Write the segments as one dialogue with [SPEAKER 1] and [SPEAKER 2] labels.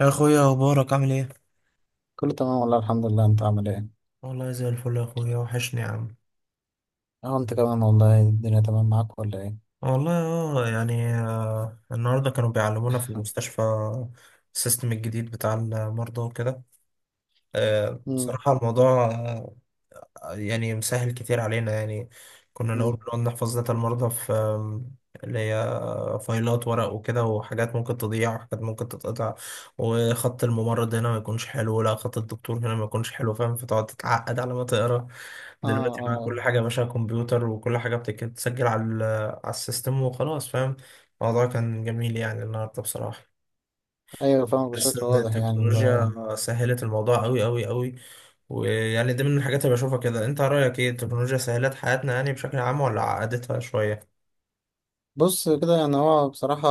[SPEAKER 1] يا اخويا، اخبارك عامل ايه؟
[SPEAKER 2] كله تمام والله، الحمد لله، انت عامل ايه؟
[SPEAKER 1] والله زي الفل يا اخويا، وحشني يا عم.
[SPEAKER 2] اه، انت كمان والله الدنيا تمام معاك ولا ايه؟
[SPEAKER 1] والله يعني النهارده كانوا بيعلمونا في المستشفى السيستم الجديد بتاع المرضى وكده.
[SPEAKER 2] امم.
[SPEAKER 1] بصراحة الموضوع يعني مسهل كتير علينا يعني. كنا الأول
[SPEAKER 2] امم.
[SPEAKER 1] بنقعد نحفظ داتا المرضى في اللي هي فايلات ورق وكده، وحاجات ممكن تضيع وحاجات ممكن تتقطع، وخط الممرض هنا ما يكونش حلو، لا خط الدكتور هنا ما يكونش حلو، فاهم؟ فتقعد تتعقد على ما تقرا.
[SPEAKER 2] اه،
[SPEAKER 1] دلوقتي بقى
[SPEAKER 2] اه.
[SPEAKER 1] كل حاجة يا باشا كمبيوتر، وكل حاجة بتسجل على السيستم وخلاص، فاهم. الموضوع كان جميل يعني النهاردة بصراحة،
[SPEAKER 2] ايوه، فاهمك
[SPEAKER 1] بس
[SPEAKER 2] بشكل
[SPEAKER 1] إن
[SPEAKER 2] واضح، يعني اللي هو
[SPEAKER 1] التكنولوجيا سهلت الموضوع أوي أوي أوي. ويعني دي من الحاجات اللي بشوفها كده. أنت رأيك إيه؟ التكنولوجيا سهلت حياتنا يعني بشكل عام ولا عقدتها شوية؟
[SPEAKER 2] بص كده، يعني هو بصراحة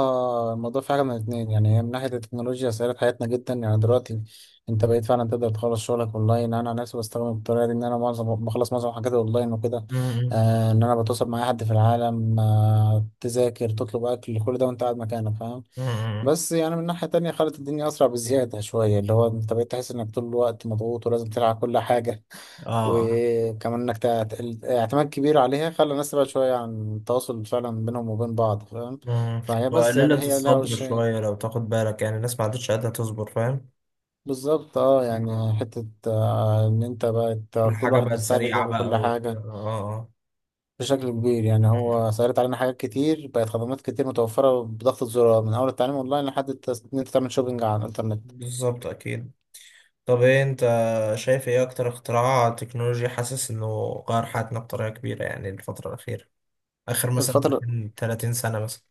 [SPEAKER 2] الموضوع في حاجة من الاتنين. يعني هي من ناحية التكنولوجيا سهلت حياتنا جدا، يعني دلوقتي انت بقيت فعلا تقدر تخلص شغلك اونلاين. انا عن نفسي بستخدم الطريقة دي، ان انا بخلص معظم حاجاتي اونلاين وكده.
[SPEAKER 1] مم.
[SPEAKER 2] ان انا بتواصل مع اي حد في العالم، تذاكر، تطلب اكل، كل ده وانت قاعد مكانك، فاهم.
[SPEAKER 1] مم.
[SPEAKER 2] بس يعني من ناحية تانية خلت الدنيا أسرع بزيادة شوية، اللي هو أنت بقيت تحس إنك طول الوقت مضغوط ولازم تلعب كل حاجة.
[SPEAKER 1] آه.
[SPEAKER 2] وكمان إنك الاعتماد كبير عليها خلى الناس تبعد شوية عن التواصل فعلا بينهم وبين بعض، فاهم.
[SPEAKER 1] مم.
[SPEAKER 2] فهي، بس يعني،
[SPEAKER 1] وقللت
[SPEAKER 2] هي لها
[SPEAKER 1] الصبر
[SPEAKER 2] وشين.
[SPEAKER 1] شوية لو تاخد بالك، يعني الناس ما عادتش قادرة تصبر، فاهم؟
[SPEAKER 2] بالظبط. اه،
[SPEAKER 1] مم.
[SPEAKER 2] يعني حتة، إن أنت
[SPEAKER 1] كل
[SPEAKER 2] بقت كل
[SPEAKER 1] حاجة
[SPEAKER 2] واحد
[SPEAKER 1] بقت
[SPEAKER 2] مستعجل
[SPEAKER 1] سريعة
[SPEAKER 2] يعمل كل
[SPEAKER 1] بقى وكده،
[SPEAKER 2] حاجة
[SPEAKER 1] آه آه.
[SPEAKER 2] بشكل كبير. يعني
[SPEAKER 1] مم.
[SPEAKER 2] هو سهلت علينا حاجات كتير، بقت خدمات كتير متوفرة بضغطة زرار، من أول التعليم أونلاين لحد إن أنت تعمل شوبينج على الإنترنت.
[SPEAKER 1] بالظبط، أكيد. طب ايه انت شايف؟ ايه اكتر اختراع تكنولوجي حاسس انه غير حياتنا بطريقة كبيرة، يعني الفترة الأخيرة، آخر مثلا
[SPEAKER 2] الفترة،
[SPEAKER 1] 30 سنة مثلا؟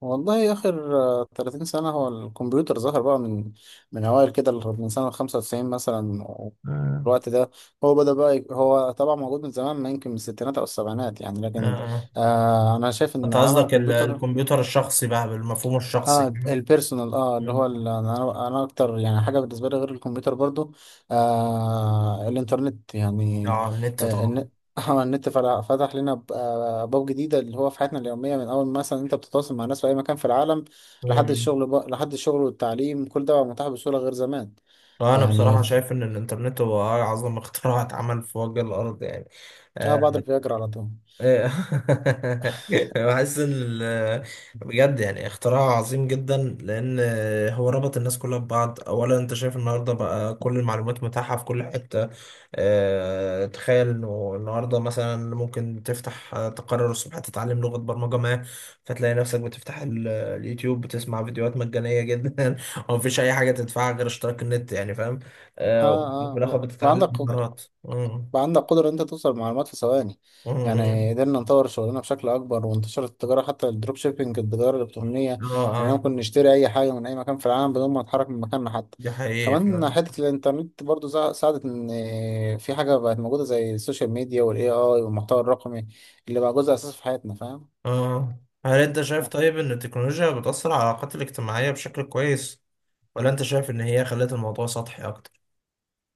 [SPEAKER 2] والله آخر 30 سنة. هو الكمبيوتر ظهر بقى من من أوائل كده، من سنة 95 مثلا،
[SPEAKER 1] آه.
[SPEAKER 2] الوقت ده. هو بدأ بقى هو طبعا موجود من زمان، ما يمكن من الستينات أو السبعينات يعني، لكن
[SPEAKER 1] آه.
[SPEAKER 2] أنا شايف إن
[SPEAKER 1] انت
[SPEAKER 2] عمل
[SPEAKER 1] قصدك
[SPEAKER 2] الكمبيوتر.
[SPEAKER 1] الكمبيوتر الشخصي بقى، بالمفهوم الشخصي،
[SPEAKER 2] اه،
[SPEAKER 1] فاهم؟
[SPEAKER 2] البيرسونال، اه، اللي
[SPEAKER 1] مم.
[SPEAKER 2] هو انا اكتر، يعني حاجه بالنسبه لي غير الكمبيوتر، برضو الانترنت يعني.
[SPEAKER 1] اه النت
[SPEAKER 2] آه
[SPEAKER 1] طبعا.
[SPEAKER 2] الن- النت فتح لنا ابواب جديده اللي هو في حياتنا اليوميه، من اول مثلا انت بتتواصل مع ناس في اي مكان في العالم. لحد
[SPEAKER 1] مم.
[SPEAKER 2] الشغل بقى، لحد الشغل والتعليم، كل ده بقى متاح بسهوله غير زمان.
[SPEAKER 1] انا
[SPEAKER 2] يعني
[SPEAKER 1] بصراحة شايف ان الانترنت هو اعظم اختراع اتعمل في وجه الارض يعني.
[SPEAKER 2] اه، بعد
[SPEAKER 1] آه.
[SPEAKER 2] الفياجرا على طول.
[SPEAKER 1] إيه. بحس ان بجد يعني اختراع عظيم جدا، لان هو ربط الناس كلها ببعض. اولا انت شايف النهارده بقى كل المعلومات متاحه في كل حته. تخيل انه النهارده مثلا ممكن تفتح، تقرر الصبح تتعلم لغه برمجه ما، فتلاقي نفسك بتفتح اليوتيوب، بتسمع فيديوهات مجانيه جدا ومفيش اي حاجه تدفعها غير اشتراك النت يعني، فاهم؟
[SPEAKER 2] اه،
[SPEAKER 1] وفي الاخر
[SPEAKER 2] اه،
[SPEAKER 1] بتتعلم
[SPEAKER 2] وعندك
[SPEAKER 1] مهارات. مم.
[SPEAKER 2] بقى عندك قدرة إن أنت توصل لمعلومات في ثواني.
[SPEAKER 1] مم.
[SPEAKER 2] يعني قدرنا نطور شغلنا بشكل أكبر، وانتشرت التجارة، حتى الدروب شيبينج، التجارة الإلكترونية.
[SPEAKER 1] اه
[SPEAKER 2] يعني
[SPEAKER 1] اه.
[SPEAKER 2] ممكن نشتري أي حاجة من أي مكان في العالم بدون ما نتحرك من مكاننا حتى.
[SPEAKER 1] دي حقيقي
[SPEAKER 2] كمان
[SPEAKER 1] فعلا.
[SPEAKER 2] حتة الإنترنت برضو ساعدت إن في حاجة بقت موجودة زي السوشيال ميديا وال AI والمحتوى الرقمي، اللي بقى جزء أساسي في حياتنا، فاهم.
[SPEAKER 1] اه. هل انت شايف طيب ان التكنولوجيا بتأثر على العلاقات الاجتماعية بشكل كويس، ولا انت شايف ان هي خلت الموضوع سطحي اكتر؟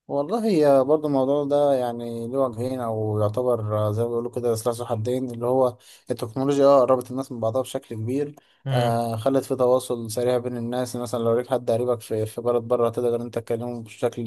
[SPEAKER 2] والله هي برضه الموضوع ده، يعني له وجهين، او يعتبر زي ما بيقولوا كده، سلاح ذو حدين. اللي هو التكنولوجيا، اه، قربت الناس من بعضها بشكل كبير.
[SPEAKER 1] امم.
[SPEAKER 2] خلت في تواصل سريع بين الناس، مثلا لو ليك حد قريبك في بلد بره تقدر انت تكلمه بشكل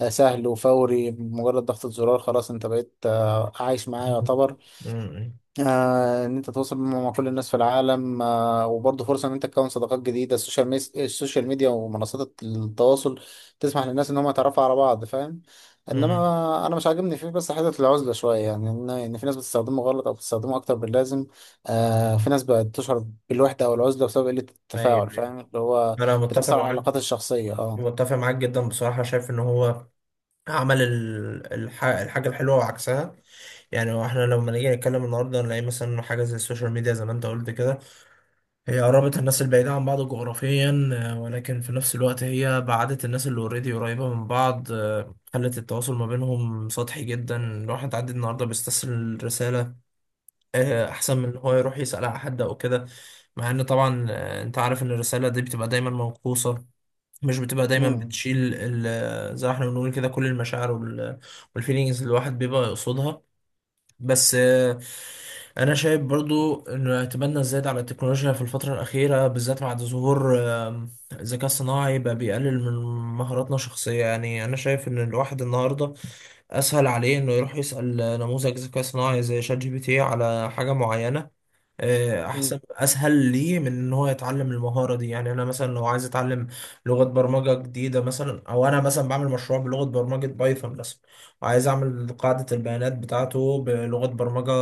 [SPEAKER 2] سهل وفوري بمجرد ضغطة زرار. خلاص، انت بقيت عايش معاه، يعتبر.
[SPEAKER 1] امم.
[SPEAKER 2] ان انت تتواصل مع كل الناس في العالم، وبرضه فرصه ان انت تكون صداقات جديده. السوشيال ميديا ومنصات التواصل تسمح للناس ان هم يتعرفوا على بعض، فاهم.
[SPEAKER 1] امم.
[SPEAKER 2] انما انا مش عاجبني فيه بس حته العزله شويه، يعني إن في ناس بتستخدمه غلط او بتستخدمه اكتر من اللازم. في ناس بقت تشعر بالوحده او العزله بسبب قله
[SPEAKER 1] ايوه،
[SPEAKER 2] التفاعل،
[SPEAKER 1] أيوة.
[SPEAKER 2] فاهم، اللي هو
[SPEAKER 1] انا متفق
[SPEAKER 2] بتاثر على العلاقات
[SPEAKER 1] معاك.
[SPEAKER 2] الشخصيه،
[SPEAKER 1] متفق معاك جدا بصراحة. شايف ان هو عمل الحاجة الحلوة وعكسها. يعني هو احنا لما نيجي نتكلم النهارده، نلاقي مثلا إنه حاجة زي السوشيال ميديا، زي ما انت قلت كده، هي قربت الناس البعيدة عن بعض جغرافيا، ولكن في نفس الوقت هي بعدت الناس اللي اوريدي قريبة من بعض، خلت التواصل ما بينهم سطحي جدا. الواحد عادي النهاردة بيستسهل رسالة، أحسن من إن هو يروح يسأل على حد أو كده، مع إن طبعا أنت عارف إن الرسالة دي بتبقى دايما موقوصة، مش بتبقى دايما
[SPEAKER 2] مم.
[SPEAKER 1] بتشيل زي ما احنا بنقول كده كل المشاعر والفيلينجز اللي الواحد بيبقى يقصدها. بس انا شايف برضو ان اعتمادنا الزايد على التكنولوجيا في الفتره الاخيره، بالذات بعد ظهور الذكاء الصناعي، بقى بيقلل من مهاراتنا الشخصيه. يعني انا شايف ان الواحد النهارده اسهل عليه انه يروح يسال نموذج ذكاء صناعي زي شات جي بي تي على حاجه معينه،
[SPEAKER 2] مم.
[SPEAKER 1] احسن، اسهل ليه من ان هو يتعلم المهاره دي. يعني انا مثلا لو عايز اتعلم لغه برمجه جديده مثلا، او انا مثلا بعمل مشروع بلغه برمجه بايثون مثلا، وعايز اعمل قاعده البيانات بتاعته بلغه برمجه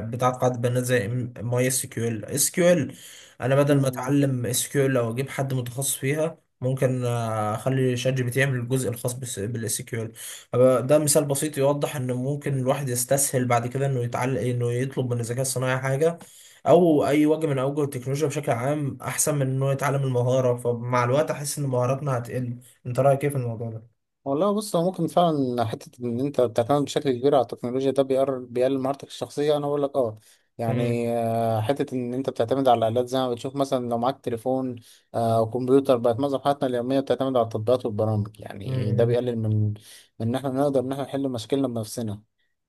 [SPEAKER 1] بتاعت قاعده بيانات زي ماي اس كيو ال، اس كيو ال. انا بدل ما
[SPEAKER 2] مم.
[SPEAKER 1] اتعلم اس كيو ال او اجيب حد متخصص فيها، ممكن اخلي شات جي بي تي يعمل الجزء الخاص بالاس كيو ال. ده مثال بسيط يوضح ان ممكن الواحد يستسهل بعد كده انه يتعلم، انه يطلب من الذكاء الصناعي حاجه او اي وجه من اوجه التكنولوجيا بشكل عام، احسن من انه يتعلم المهاره. فمع الوقت احس ان مهاراتنا هتقل. انت رايك ايه في الموضوع ده؟
[SPEAKER 2] والله، بص، هو ممكن فعلا حتة إن أنت بتعتمد بشكل كبير على التكنولوجيا ده بيقلل مهارتك الشخصية. أنا بقول لك
[SPEAKER 1] امم.
[SPEAKER 2] يعني حتة إن أنت بتعتمد على الآلات، زي ما بتشوف مثلا لو معاك تليفون أو كمبيوتر، بقت معظم حياتنا اليومية بتعتمد على التطبيقات والبرامج. يعني ده بيقلل من إن إحنا نقدر إن إحنا نحل مشاكلنا بنفسنا.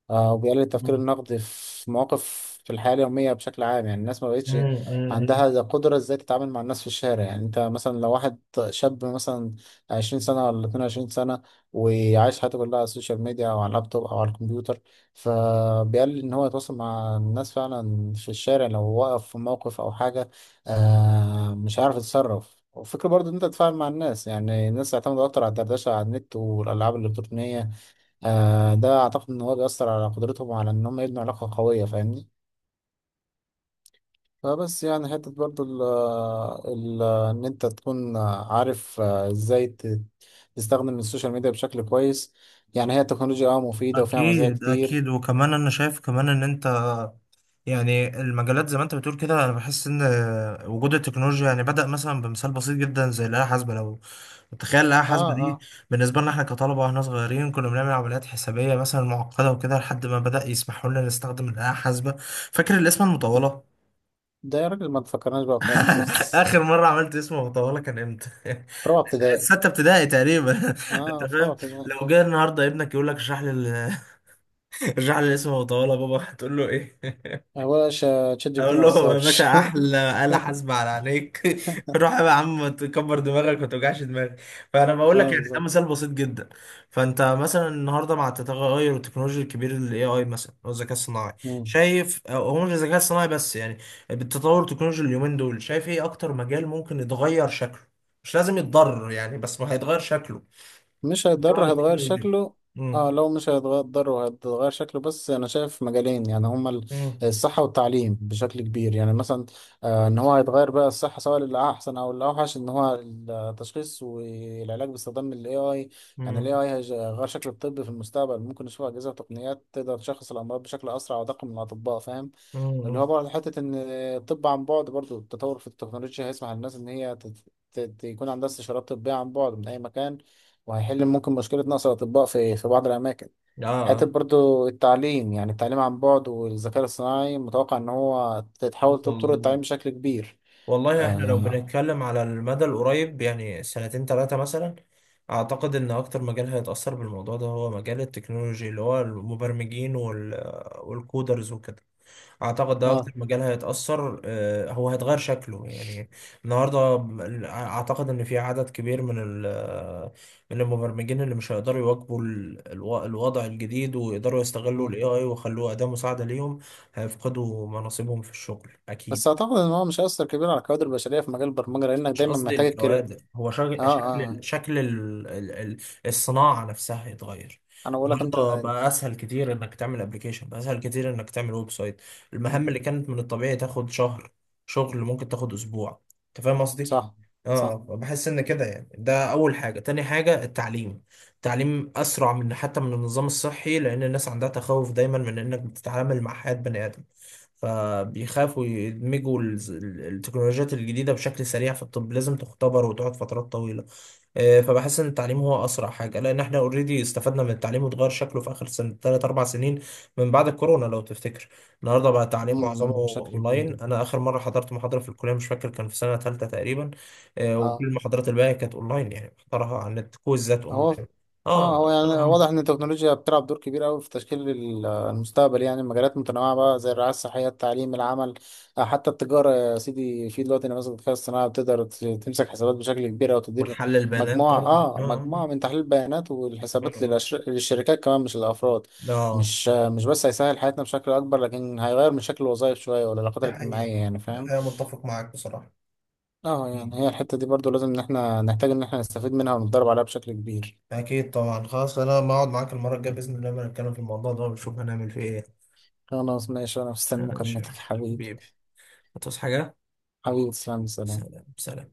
[SPEAKER 2] وبيقلل التفكير النقدي في مواقف في الحياة اليومية بشكل عام. يعني الناس ما بقتش
[SPEAKER 1] امم.
[SPEAKER 2] عندها القدرة ازاي تتعامل مع الناس في الشارع. يعني انت مثلا لو واحد شاب مثلا 20 سنة ولا 22 سنة وعايش حياته كلها على السوشيال ميديا او على اللابتوب او على الكمبيوتر، فبيقلل ان هو يتواصل مع الناس فعلا في الشارع. لو وقف في موقف او حاجة مش عارف يتصرف. وفكرة برضو ان انت تتفاعل مع الناس، يعني الناس اعتمدوا اكتر على الدردشة على النت والالعاب الالكترونية. ده أعتقد إن هو بيأثر على قدرتهم على إن هم يبنوا علاقة قوية، فاهمني. فبس يعني حتة برضو ال إن أنت تكون عارف إزاي تستخدم السوشيال ميديا بشكل كويس. يعني هي التكنولوجيا مفيدة وفيها مزايا
[SPEAKER 1] اكيد، اكيد.
[SPEAKER 2] كتير.
[SPEAKER 1] وكمان انا شايف كمان ان انت، يعني المجالات زي ما انت بتقول كده، انا بحس ان وجود التكنولوجيا يعني بدأ مثلا بمثال بسيط جدا زي الآلة الحاسبة. لو تخيل الآلة
[SPEAKER 2] أه،
[SPEAKER 1] الحاسبة دي
[SPEAKER 2] أه.
[SPEAKER 1] بالنسبة لنا احنا كطلبة، واحنا صغيرين كنا بنعمل عمليات حسابية مثلا معقدة وكده، لحد ما بدأ يسمحوا لنا نستخدم الآلة الحاسبة. فاكر الاسم المطولة؟
[SPEAKER 2] ده يا راجل ما تفكرناش بقى بحاجات
[SPEAKER 1] آخر مرة عملت اسم مطولة كان امتى؟
[SPEAKER 2] في رابعة ابتدائي.
[SPEAKER 1] ستة ابتدائي تقريبا. انت
[SPEAKER 2] أه، في رابعة
[SPEAKER 1] فاهم؟
[SPEAKER 2] ابتدائي.
[SPEAKER 1] لو جه النهارده ابنك يقول لك اشرح لي، ارجع لي اسمه وطالع بابا، هتقول له ايه؟
[SPEAKER 2] هو يا باشا تشات جي بي تي
[SPEAKER 1] اقول
[SPEAKER 2] ما
[SPEAKER 1] له يا
[SPEAKER 2] أثرش.
[SPEAKER 1] باشا احلى آلة حاسبة على عينيك. روح يا عم تكبر دماغك وما توجعش دماغك. فانا بقول لك
[SPEAKER 2] أه،
[SPEAKER 1] يعني ده
[SPEAKER 2] بالظبط.
[SPEAKER 1] مثال بسيط جدا. فانت مثلا النهارده مع التغير التكنولوجي الكبير، الاي اي مثلا، او الذكاء الصناعي، شايف، أو هو مش الذكاء الصناعي بس، يعني بالتطور التكنولوجي اليومين دول، شايف ايه اكتر مجال ممكن يتغير شكله؟ مش لازم يتضرر يعني، بس ما هيتغير شكله
[SPEAKER 2] مش
[SPEAKER 1] بسبب
[SPEAKER 2] هيضر، هتغير
[SPEAKER 1] التكنولوجيا.
[SPEAKER 2] شكله.
[SPEAKER 1] امم.
[SPEAKER 2] اه، لو مش هيتغير وهتغير شكله، بس انا شايف مجالين يعني هما
[SPEAKER 1] امم.
[SPEAKER 2] الصحة والتعليم بشكل كبير. يعني مثلا ان هو هيتغير بقى الصحة سواء للأحسن او الأوحش، ان هو التشخيص والعلاج باستخدام ال AI. يعني ال
[SPEAKER 1] امم.
[SPEAKER 2] AI هيغير شكل الطب في المستقبل. ممكن نشوف أجهزة وتقنيات تقدر تشخص الأمراض بشكل أسرع ودقيق من الأطباء، فاهم.
[SPEAKER 1] امم.
[SPEAKER 2] اللي هو
[SPEAKER 1] إمم.
[SPEAKER 2] برضه حتة إن الطب عن بعد، برضه التطور في التكنولوجيا هيسمح للناس إن هي يكون عندها استشارات طبية عن بعد من أي مكان، وهيحل ممكن مشكلة نقص الأطباء في بعض الأماكن.
[SPEAKER 1] اه.
[SPEAKER 2] حتى
[SPEAKER 1] آه.
[SPEAKER 2] برضو التعليم، يعني التعليم عن بعد والذكاء الصناعي، متوقع إن هو تتحول طرق التعليم
[SPEAKER 1] وال-
[SPEAKER 2] بشكل كبير.
[SPEAKER 1] والله احنا لو
[SPEAKER 2] آه،
[SPEAKER 1] بنتكلم على المدى القريب، يعني سنتين ثلاثة مثلا، اعتقد ان اكتر مجال هيتأثر بالموضوع ده هو مجال التكنولوجي، اللي هو المبرمجين والكودرز وكده. اعتقد ده اكتر
[SPEAKER 2] آه.
[SPEAKER 1] مجال هيتأثر، هو هيتغير شكله يعني. النهاردة اعتقد ان في عدد كبير من المبرمجين اللي مش هيقدروا يواكبوا الوضع الجديد، ويقدروا يستغلوا
[SPEAKER 2] مم.
[SPEAKER 1] الاي اي ويخلوه أداة مساعدة ليهم. هيفقدوا مناصبهم في الشغل اكيد.
[SPEAKER 2] بس أعتقد إن هو مش هيأثر كبير على الكوادر البشرية في مجال البرمجة، لأنك
[SPEAKER 1] مش
[SPEAKER 2] دايما
[SPEAKER 1] قصدي
[SPEAKER 2] محتاج الكرا
[SPEAKER 1] الكوادر، هو
[SPEAKER 2] آه آه،
[SPEAKER 1] شكل
[SPEAKER 2] آه.
[SPEAKER 1] شكل الصناعة نفسها يتغير.
[SPEAKER 2] أنا بقول لك أنت.
[SPEAKER 1] النهارده بقى اسهل كتير انك تعمل ابلكيشن، بقى اسهل كتير انك تعمل ويب سايت. المهام
[SPEAKER 2] مم.
[SPEAKER 1] اللي كانت من الطبيعي تاخد شهر شغل، ممكن تاخد اسبوع. انت فاهم قصدي؟
[SPEAKER 2] صح،
[SPEAKER 1] اه،
[SPEAKER 2] صح.
[SPEAKER 1] بحس ان كده يعني. ده اول حاجة. تاني حاجة، التعليم. التعليم اسرع من، حتى من النظام الصحي، لان الناس عندها تخوف دايما من انك بتتعامل مع حياة بني ادم، فبيخافوا يدمجوا التكنولوجيات الجديدة بشكل سريع. في الطب لازم تختبر وتقعد فترات طويلة. فبحس إن التعليم هو أسرع حاجة، لأن إحنا أوريدي استفدنا من التعليم وتغير شكله في آخر سنة تلات أربع سنين، من بعد الكورونا لو تفتكر. النهاردة بقى التعليم معظمه
[SPEAKER 2] مم. بشكل كبير.
[SPEAKER 1] أونلاين. أنا آخر مرة حضرت محاضرة في الكلية مش فاكر، كان في سنة تالتة تقريبا. وكل
[SPEAKER 2] آه.
[SPEAKER 1] المحاضرات الباقية كانت أونلاين، يعني محضرها عن النت، كويزات
[SPEAKER 2] هو
[SPEAKER 1] أونلاين. آه.
[SPEAKER 2] اه هو
[SPEAKER 1] آه،
[SPEAKER 2] يعني
[SPEAKER 1] آه.
[SPEAKER 2] واضح ان التكنولوجيا بتلعب دور كبير قوي في تشكيل المستقبل. يعني مجالات متنوعه بقى زي الرعايه الصحيه، التعليم، العمل، حتى التجاره يا سيدي. في دلوقتي نماذج الذكاء الصناعي بتقدر تمسك حسابات بشكل كبير او تدير
[SPEAKER 1] وتحلل بيانات
[SPEAKER 2] مجموعه
[SPEAKER 1] طبعا،
[SPEAKER 2] اه
[SPEAKER 1] آه.
[SPEAKER 2] مجموعه من تحليل البيانات
[SPEAKER 1] آه.
[SPEAKER 2] والحسابات
[SPEAKER 1] آه.
[SPEAKER 2] للشركات كمان، مش الافراد.
[SPEAKER 1] آه. آه.
[SPEAKER 2] مش بس هيسهل حياتنا بشكل اكبر، لكن هيغير من شكل الوظائف شويه والعلاقات
[SPEAKER 1] ده حقيقة.
[SPEAKER 2] الاجتماعيه، يعني
[SPEAKER 1] ده
[SPEAKER 2] فاهم.
[SPEAKER 1] حقيقة، متفق معاك بصراحة.
[SPEAKER 2] اه، يعني
[SPEAKER 1] مم.
[SPEAKER 2] هي الحته دي برضو لازم ان احنا نحتاج ان احنا نستفيد منها ونتدرب عليها بشكل كبير.
[SPEAKER 1] أكيد طبعا. خلاص أنا بقعد معاك المرة الجاية بإذن الله لما نتكلم في الموضوع ده، ونشوف هنعمل فيه إيه.
[SPEAKER 2] خلاص ماشي، أنا مستني
[SPEAKER 1] ماشي يا
[SPEAKER 2] مكالمتك
[SPEAKER 1] باشا.
[SPEAKER 2] حبيبي.
[SPEAKER 1] حبيبي، هتصحى حاجة؟
[SPEAKER 2] حبيبي، تسلم، سلام.
[SPEAKER 1] سلام سلام.